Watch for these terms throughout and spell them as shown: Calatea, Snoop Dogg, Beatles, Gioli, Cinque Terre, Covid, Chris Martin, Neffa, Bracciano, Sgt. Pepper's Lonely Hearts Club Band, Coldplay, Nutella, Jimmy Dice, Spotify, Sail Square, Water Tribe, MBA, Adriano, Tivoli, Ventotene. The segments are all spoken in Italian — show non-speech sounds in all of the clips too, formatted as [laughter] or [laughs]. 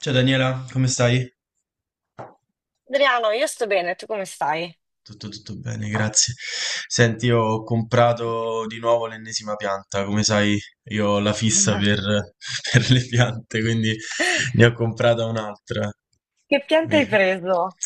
Ciao Daniela, come stai? Adriano, io sto bene, tu come stai? Tutto, tutto bene, grazie. Senti, ho comprato di nuovo l'ennesima pianta. Come sai, io ho la fissa per, [laughs] [laughs] per le piante, quindi ne ho comprata un'altra. Che piante hai Vedi? preso?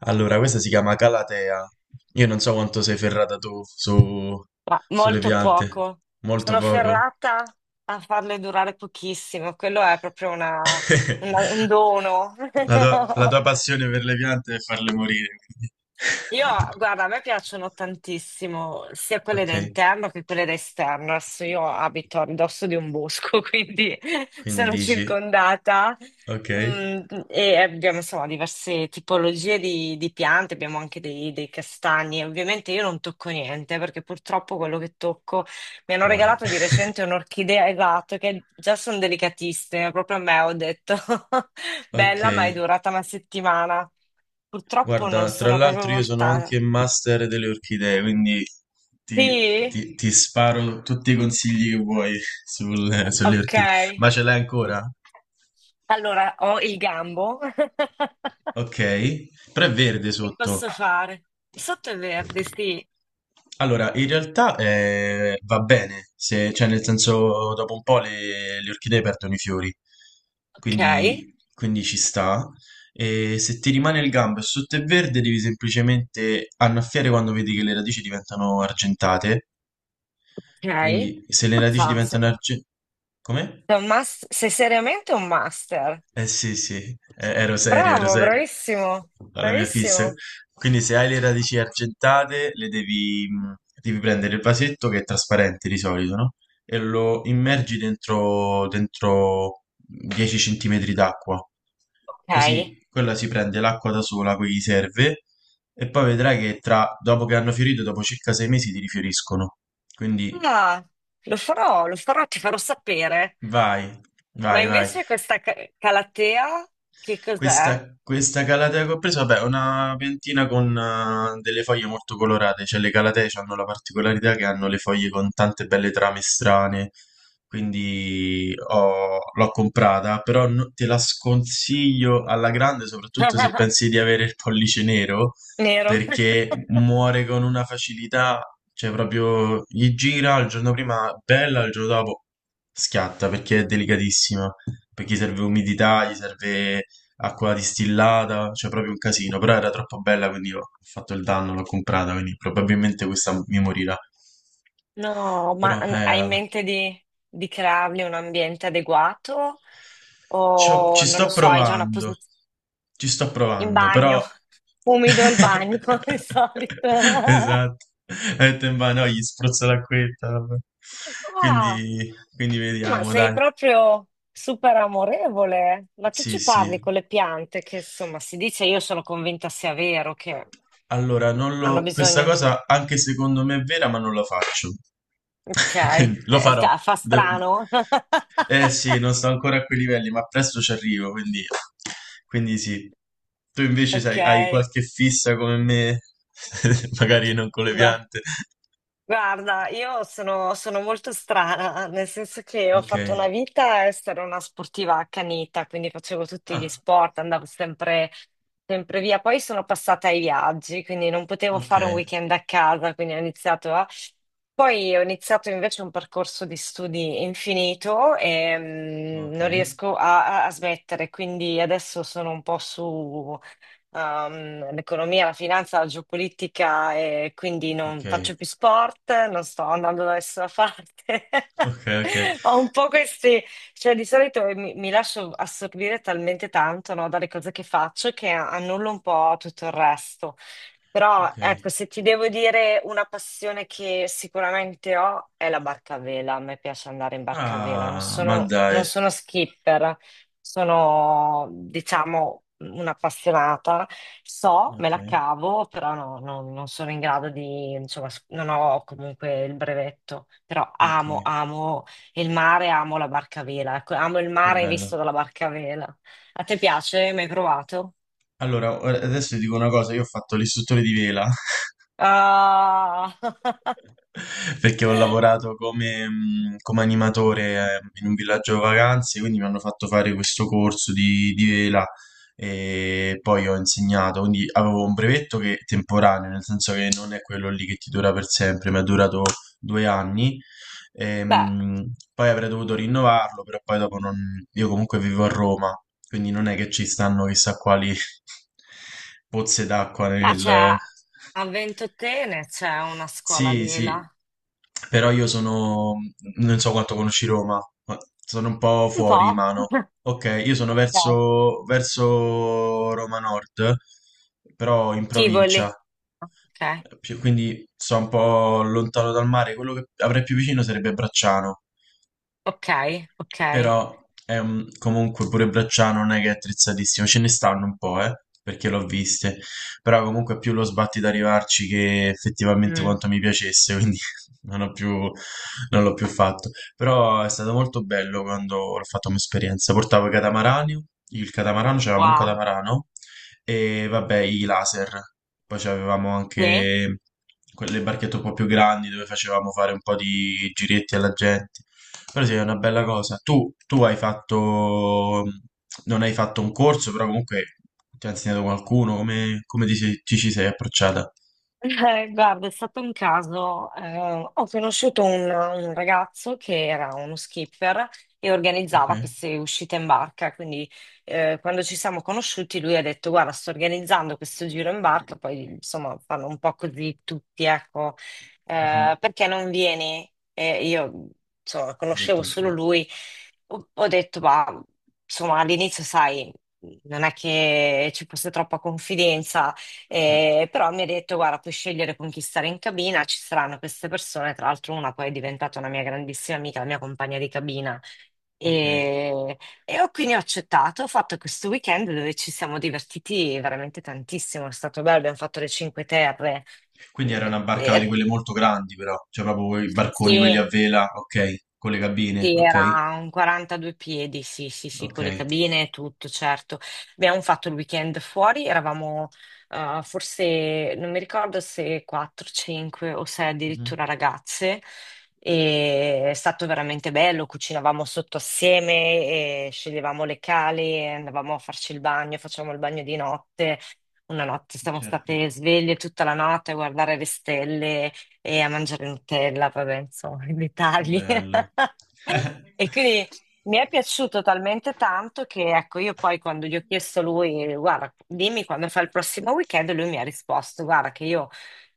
Allora, questa si chiama Calatea. Io non so quanto sei ferrata tu Ma sulle molto piante. poco. Molto Sono poco. ferrata a farle durare pochissimo. Quello è proprio un [laughs] dono. La tua, la [laughs] tua passione per le piante è farle morire, quindi. Io, guarda, a me [laughs] piacciono tantissimo sia quelle Ok, da interno che quelle da esterno. Adesso io abito a ridosso di un bosco, [laughs] quindi quindi sono dici, circondata. ok, Mm, e abbiamo insomma diverse tipologie di piante, abbiamo anche dei castagni. Ovviamente io non tocco niente perché purtroppo quello che tocco mi hanno muore. [laughs] regalato di recente un'orchidea esatto, che già sono delicatissime. Proprio a me ho detto [laughs] Ok, bella, ma è durata una settimana. Purtroppo non guarda, tra sono proprio l'altro io sono portata. anche master delle orchidee, quindi ti, Sì? ti sparo tutti i consigli che vuoi [laughs] sulle Ok. orchidee. Ma ce l'hai ancora? Allora, ho il gambo. [laughs] Ok, però è verde Che sotto. posso fare? Il sotto è verde, sì. Allora, in realtà va bene, cioè nel senso dopo un po' le orchidee perdono i fiori, Ok, quindi ci sta. E se ti rimane il gambo e sotto è verde, devi semplicemente annaffiare quando vedi che le radici diventano argentate. ok. Quindi se le radici Mazza, diventano argentate. Come? Sei seriamente un master. Eh sì, sì, ero Bravo, serio bravissimo, alla mia fissa. bravissimo. Quindi se hai le radici argentate, le devi, devi prendere il vasetto che è trasparente di solito, no? E lo immergi dentro 10 centimetri d'acqua. Ok. Così quella si prende l'acqua da sola, a cui gli serve, e poi vedrai che dopo che hanno fiorito, dopo circa 6 mesi ti rifioriscono. Quindi Ah, lo farò, ti farò sapere. vai, Ma vai, vai. invece questa calatea, che cos'è? Questa calatea che ho preso, vabbè, è una piantina con delle foglie molto colorate, cioè le calatee hanno la particolarità che hanno le foglie con tante belle trame strane, quindi l'ho comprata, però te la sconsiglio alla grande, soprattutto se [laughs] pensi di avere il pollice nero, Nero. perché [laughs] muore con una facilità, cioè proprio gli gira il giorno prima, bella, il giorno dopo schiatta, perché è delicatissima perché gli serve umidità, gli serve acqua distillata, cioè proprio un casino, però era troppo bella, quindi ho fatto il danno, l'ho comprata, quindi probabilmente questa mi morirà. No, Però hai in mente di creargli un ambiente adeguato? ci ho- O ci non lo sto so, hai già una provando, posizione ci sto in provando, però. bagno, [laughs] umido il bagno [laughs] di [laughs] solito. Esatto, ha detto in mano, gli spruzzo l'acquetta, vabbè. Ah, Quindi ma vediamo, sei dai. proprio super amorevole. Ma tu Sì, ci sì. parli con le piante, che insomma si dice, io sono convinta sia vero che Allora, non hanno lo. Questa bisogno. cosa anche secondo me è vera, ma non la faccio. Ok. [laughs] Quindi lo farò. Fa De- strano. [laughs] Eh sì, non sto ancora a quei livelli, ma presto ci arrivo, quindi sì. Tu invece Ok. sai, hai qualche fissa come me, [laughs] magari non con le Gua- piante. Guarda, io sono molto strana, nel senso che ho Ok. fatto una vita a essere una sportiva accanita, quindi facevo tutti gli Ah, sport, andavo sempre via. Poi sono passata ai viaggi, quindi non potevo ok, fare un weekend a casa, quindi ho iniziato a... Poi ho iniziato invece un percorso di studi infinito e ok, non riesco a, a smettere, quindi adesso sono un po' su l'economia, la finanza, la geopolitica e quindi ok, non faccio più sport, non sto andando da nessuna parte. ok, [laughs] ok, Ho un po' questi, cioè di solito mi lascio assorbire talmente tanto, no, dalle cose che faccio che annullo un po' tutto il resto. Però ok. ecco, se ti devo dire una passione che sicuramente ho è la barca a vela. A me piace andare in barca a vela, Ah, ma dai. non sono skipper, sono, diciamo, un'appassionata, so, me Ok, la cavo, però non sono in grado di, insomma, non ho comunque il brevetto, però ok, amo il mare, amo la barca a vela, ecco, amo il che mare visto bello. dalla barca a vela. A te piace? Mi hai provato? Allora, adesso ti dico una cosa, io ho fatto l'istruttore di vela Ah, [laughs] [laughs] perché ho lavorato come animatore in un villaggio vacanze, quindi mi hanno fatto fare questo corso di vela e poi ho insegnato, quindi avevo un brevetto che è temporaneo, nel senso che non è quello lì che ti dura per sempre, mi è durato 2 anni. beh, Poi avrei dovuto rinnovarlo, però poi dopo non. Io comunque vivo a Roma, quindi non è che ci stanno chissà quali [laughs] pozze d'acqua ma c'è nel. a Ventotene c'è una scuola a Sì, sì, vela, però non so quanto conosci Roma, ma sono un po' un fuori po'. mano. [laughs] Ok, io sono Ok. verso Roma Nord, però in Tivoli. provincia, Ok, quindi sto un po' lontano dal mare. Quello che avrei più vicino sarebbe Bracciano. ok, ok. Però comunque pure Bracciano non è che è attrezzatissimo, ce ne stanno un po', perché l'ho viste, però comunque è più lo sbatti da arrivarci che effettivamente Mm, quanto mi piacesse, quindi [laughs] non ho più, non l'ho più fatto. Però è stato molto bello quando l'ho fatto come esperienza. Portavo i catamarani, il catamarano, c'avevamo un wow. catamarano e vabbè i laser, poi avevamo Beh, anche quelle barchette un po' più grandi dove facevamo fare un po' di giretti alla gente. Però sì, è una bella cosa. Tu hai fatto, non hai fatto un corso, però comunque ti ha insegnato qualcuno, come ti ci sei approcciata? Guarda, è stato un caso. Ho conosciuto un ragazzo che era uno skipper e Ok? organizzava queste uscite in barca. Quindi, quando ci siamo conosciuti, lui ha detto: Guarda, sto organizzando questo giro in barca. Poi, insomma, fanno un po' così tutti, ecco. Mhm. Perché non vieni? E io, insomma, Hai detto, conoscevo solo lui. Ho detto, ma insomma, all'inizio, sai, non è che ci fosse troppa confidenza. certo, Però mi ha detto, guarda, puoi scegliere con chi stare in cabina, ci saranno queste persone, tra l'altro una poi è diventata una mia grandissima amica, la mia compagna di cabina. ok. E, e ho quindi ho accettato, ho fatto questo weekend dove ci siamo divertiti veramente tantissimo, è stato bello, abbiamo fatto le Cinque Terre. Quindi Mm, era una barca di quelle molto grandi, però, cioè proprio quei barconi, quelli sì, a vela, ok, con le cabine, Sì, ok, era un 42 piedi, sì, sì, sì, ok. con le cabine e tutto, certo. Abbiamo fatto il weekend fuori, eravamo forse, non mi ricordo se 4, 5 o 6 Mhm. addirittura ragazze, e è stato veramente bello, cucinavamo sotto assieme, e sceglievamo le cali, andavamo a farci il bagno, facevamo il bagno di notte. Una notte siamo Certo. state sveglie tutta la notte a guardare le stelle e a mangiare Nutella, vabbè, insomma, i Che dettagli. belle. [laughs] [laughs] E quindi mi è piaciuto talmente tanto che, ecco, io poi quando gli ho chiesto a lui, guarda, dimmi quando fa il prossimo weekend, lui mi ha risposto, guarda, che io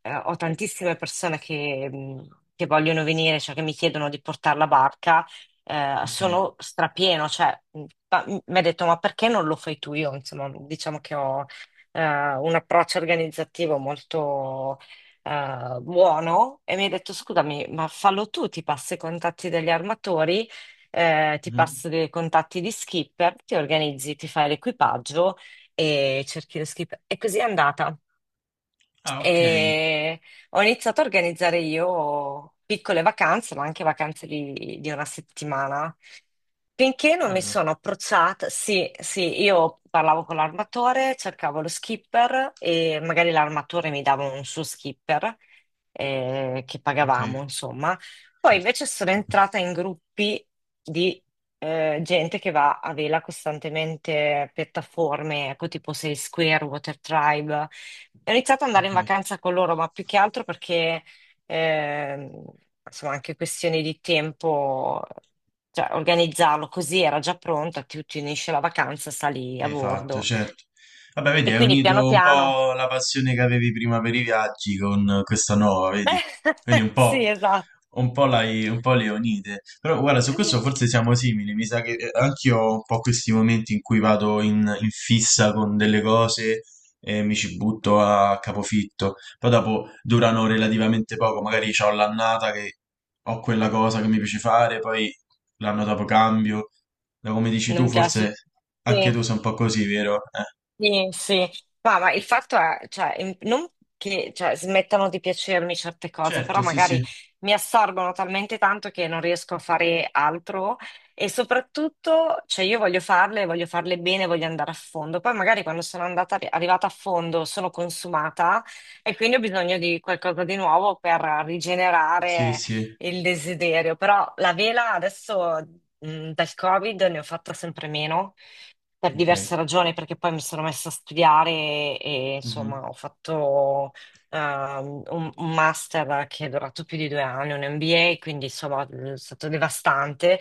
ho tantissime persone che vogliono venire, cioè che mi chiedono di portare la barca, Okay. sono strapieno, cioè, mi ha detto, ma perché non lo fai tu? Io, insomma, diciamo che ho eh, un approccio organizzativo molto buono e mi hai detto scusami, ma fallo tu, ti passo i contatti degli armatori, ti Mh-mh. passo i contatti di skipper, ti organizzi, ti fai l'equipaggio e cerchi lo skipper. E così è andata. Ah, okay. E ho iniziato a organizzare io piccole vacanze, ma anche vacanze di una settimana. Finché non mi Bello. sono approcciata, sì, sì, io parlavo con l'armatore, cercavo lo skipper e magari l'armatore mi dava un suo skipper che Okay, pagavamo, insomma. Poi certo. invece sono entrata in gruppi di gente che va a vela costantemente, piattaforme, ecco tipo Sail Square, Water Tribe. Ho iniziato ad andare in Okay. vacanza con loro, ma più che altro perché, ehm, insomma, anche questioni di tempo, cioè organizzarlo così era già pronta, ti unisci alla vacanza, sali a Hai fatto, bordo. certo. Vabbè, vedi, E hai quindi piano unito un piano... po' la passione che avevi prima per i viaggi con questa nuova, vedi? Quindi [laughs] un Sì, po', esatto. un po', un po' le unite. Però guarda, su questo forse siamo simili. Mi sa che anch'io ho un po' questi momenti in cui vado in fissa con delle cose e mi ci butto a capofitto. Poi dopo durano relativamente poco, magari ho l'annata che ho quella cosa che mi piace fare, poi l'anno dopo cambio. Da come dici tu, Non forse piace. anche Sì. tu sei un po' così, vero? Sì, sì. Ma il fatto è, cioè, non che cioè, smettano di piacermi certe cose, Certo, però sì, magari sì. mi assorbono talmente tanto che non riesco a fare altro e soprattutto, cioè, io voglio farle bene, voglio andare a fondo. Poi magari quando sono andata, arrivata a fondo sono consumata e quindi ho bisogno di qualcosa di nuovo per Sì, rigenerare sì. il desiderio. Però la vela adesso, dal Covid ne ho fatta sempre meno per Ok. diverse ragioni, perché poi mi sono messa a studiare e Mhm. insomma ho fatto un master che è durato più di due anni, un MBA, quindi insomma è stato devastante.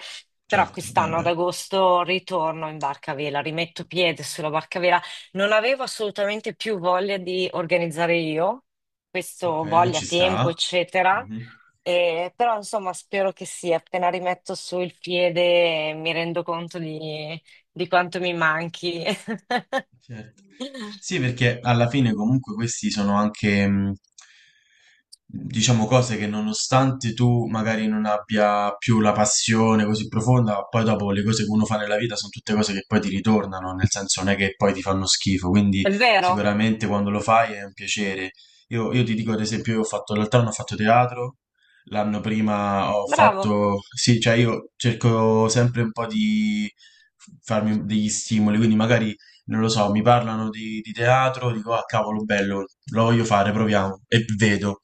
Però Certo, eh quest'anno ad beh. agosto ritorno in barcavela, rimetto piede sulla barcavela. Non avevo assolutamente più voglia di organizzare io, Ok, questo voglia, ci tempo, sta. eccetera. Mhm. Però insomma spero che sì, appena rimetto su il piede mi rendo conto di quanto mi manchi. [laughs] Certo. Sì, perché alla fine comunque questi sono anche, diciamo, cose che nonostante tu magari non abbia più la passione così profonda, poi dopo le cose che uno fa nella vita sono tutte cose che poi ti ritornano, nel senso non è che poi ti fanno schifo, quindi È vero, sicuramente quando lo fai è un piacere. Io ti dico, ad esempio, io ho fatto l'altro anno ho fatto teatro, l'anno prima ho bravo. fatto, sì, cioè io cerco sempre un po' di farmi degli stimoli, quindi magari non lo so, mi parlano di teatro, dico, ah cavolo, bello, lo voglio fare, proviamo, e vedo.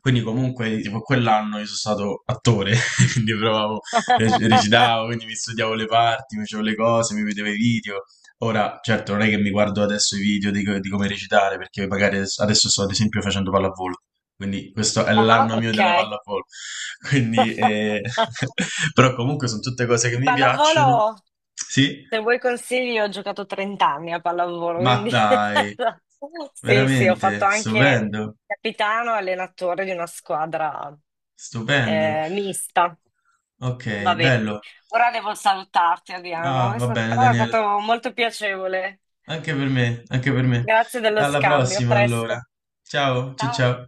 Quindi comunque, tipo, quell'anno io sono stato attore, [laughs] quindi provavo, [laughs] recitavo, quindi mi studiavo le parti, mi facevo le cose, mi vedevo i video. Ora, certo, non è che mi guardo adesso i video di come recitare, perché magari adesso sto ad esempio facendo pallavolo, quindi questo è Ah, l'anno mio ok. della pallavolo. [laughs] Quindi, [laughs] [laughs] però comunque sono tutte cose che mi piacciono, Pallavolo, sì, se vuoi consigli, ho giocato 30 anni a pallavolo, ma quindi dai, [laughs] sì, sì, ho veramente fatto anche stupendo, capitano e allenatore di una squadra stupendo. Mista. Ok, Vabbè, bello. ora devo salutarti, Adriano, Ah, è va bene, però è Daniele. stato molto piacevole. Anche per me, anche per me. Grazie dello Alla scambio, a prossima, allora. presto. Ciao, ciao, Ciao. ciao.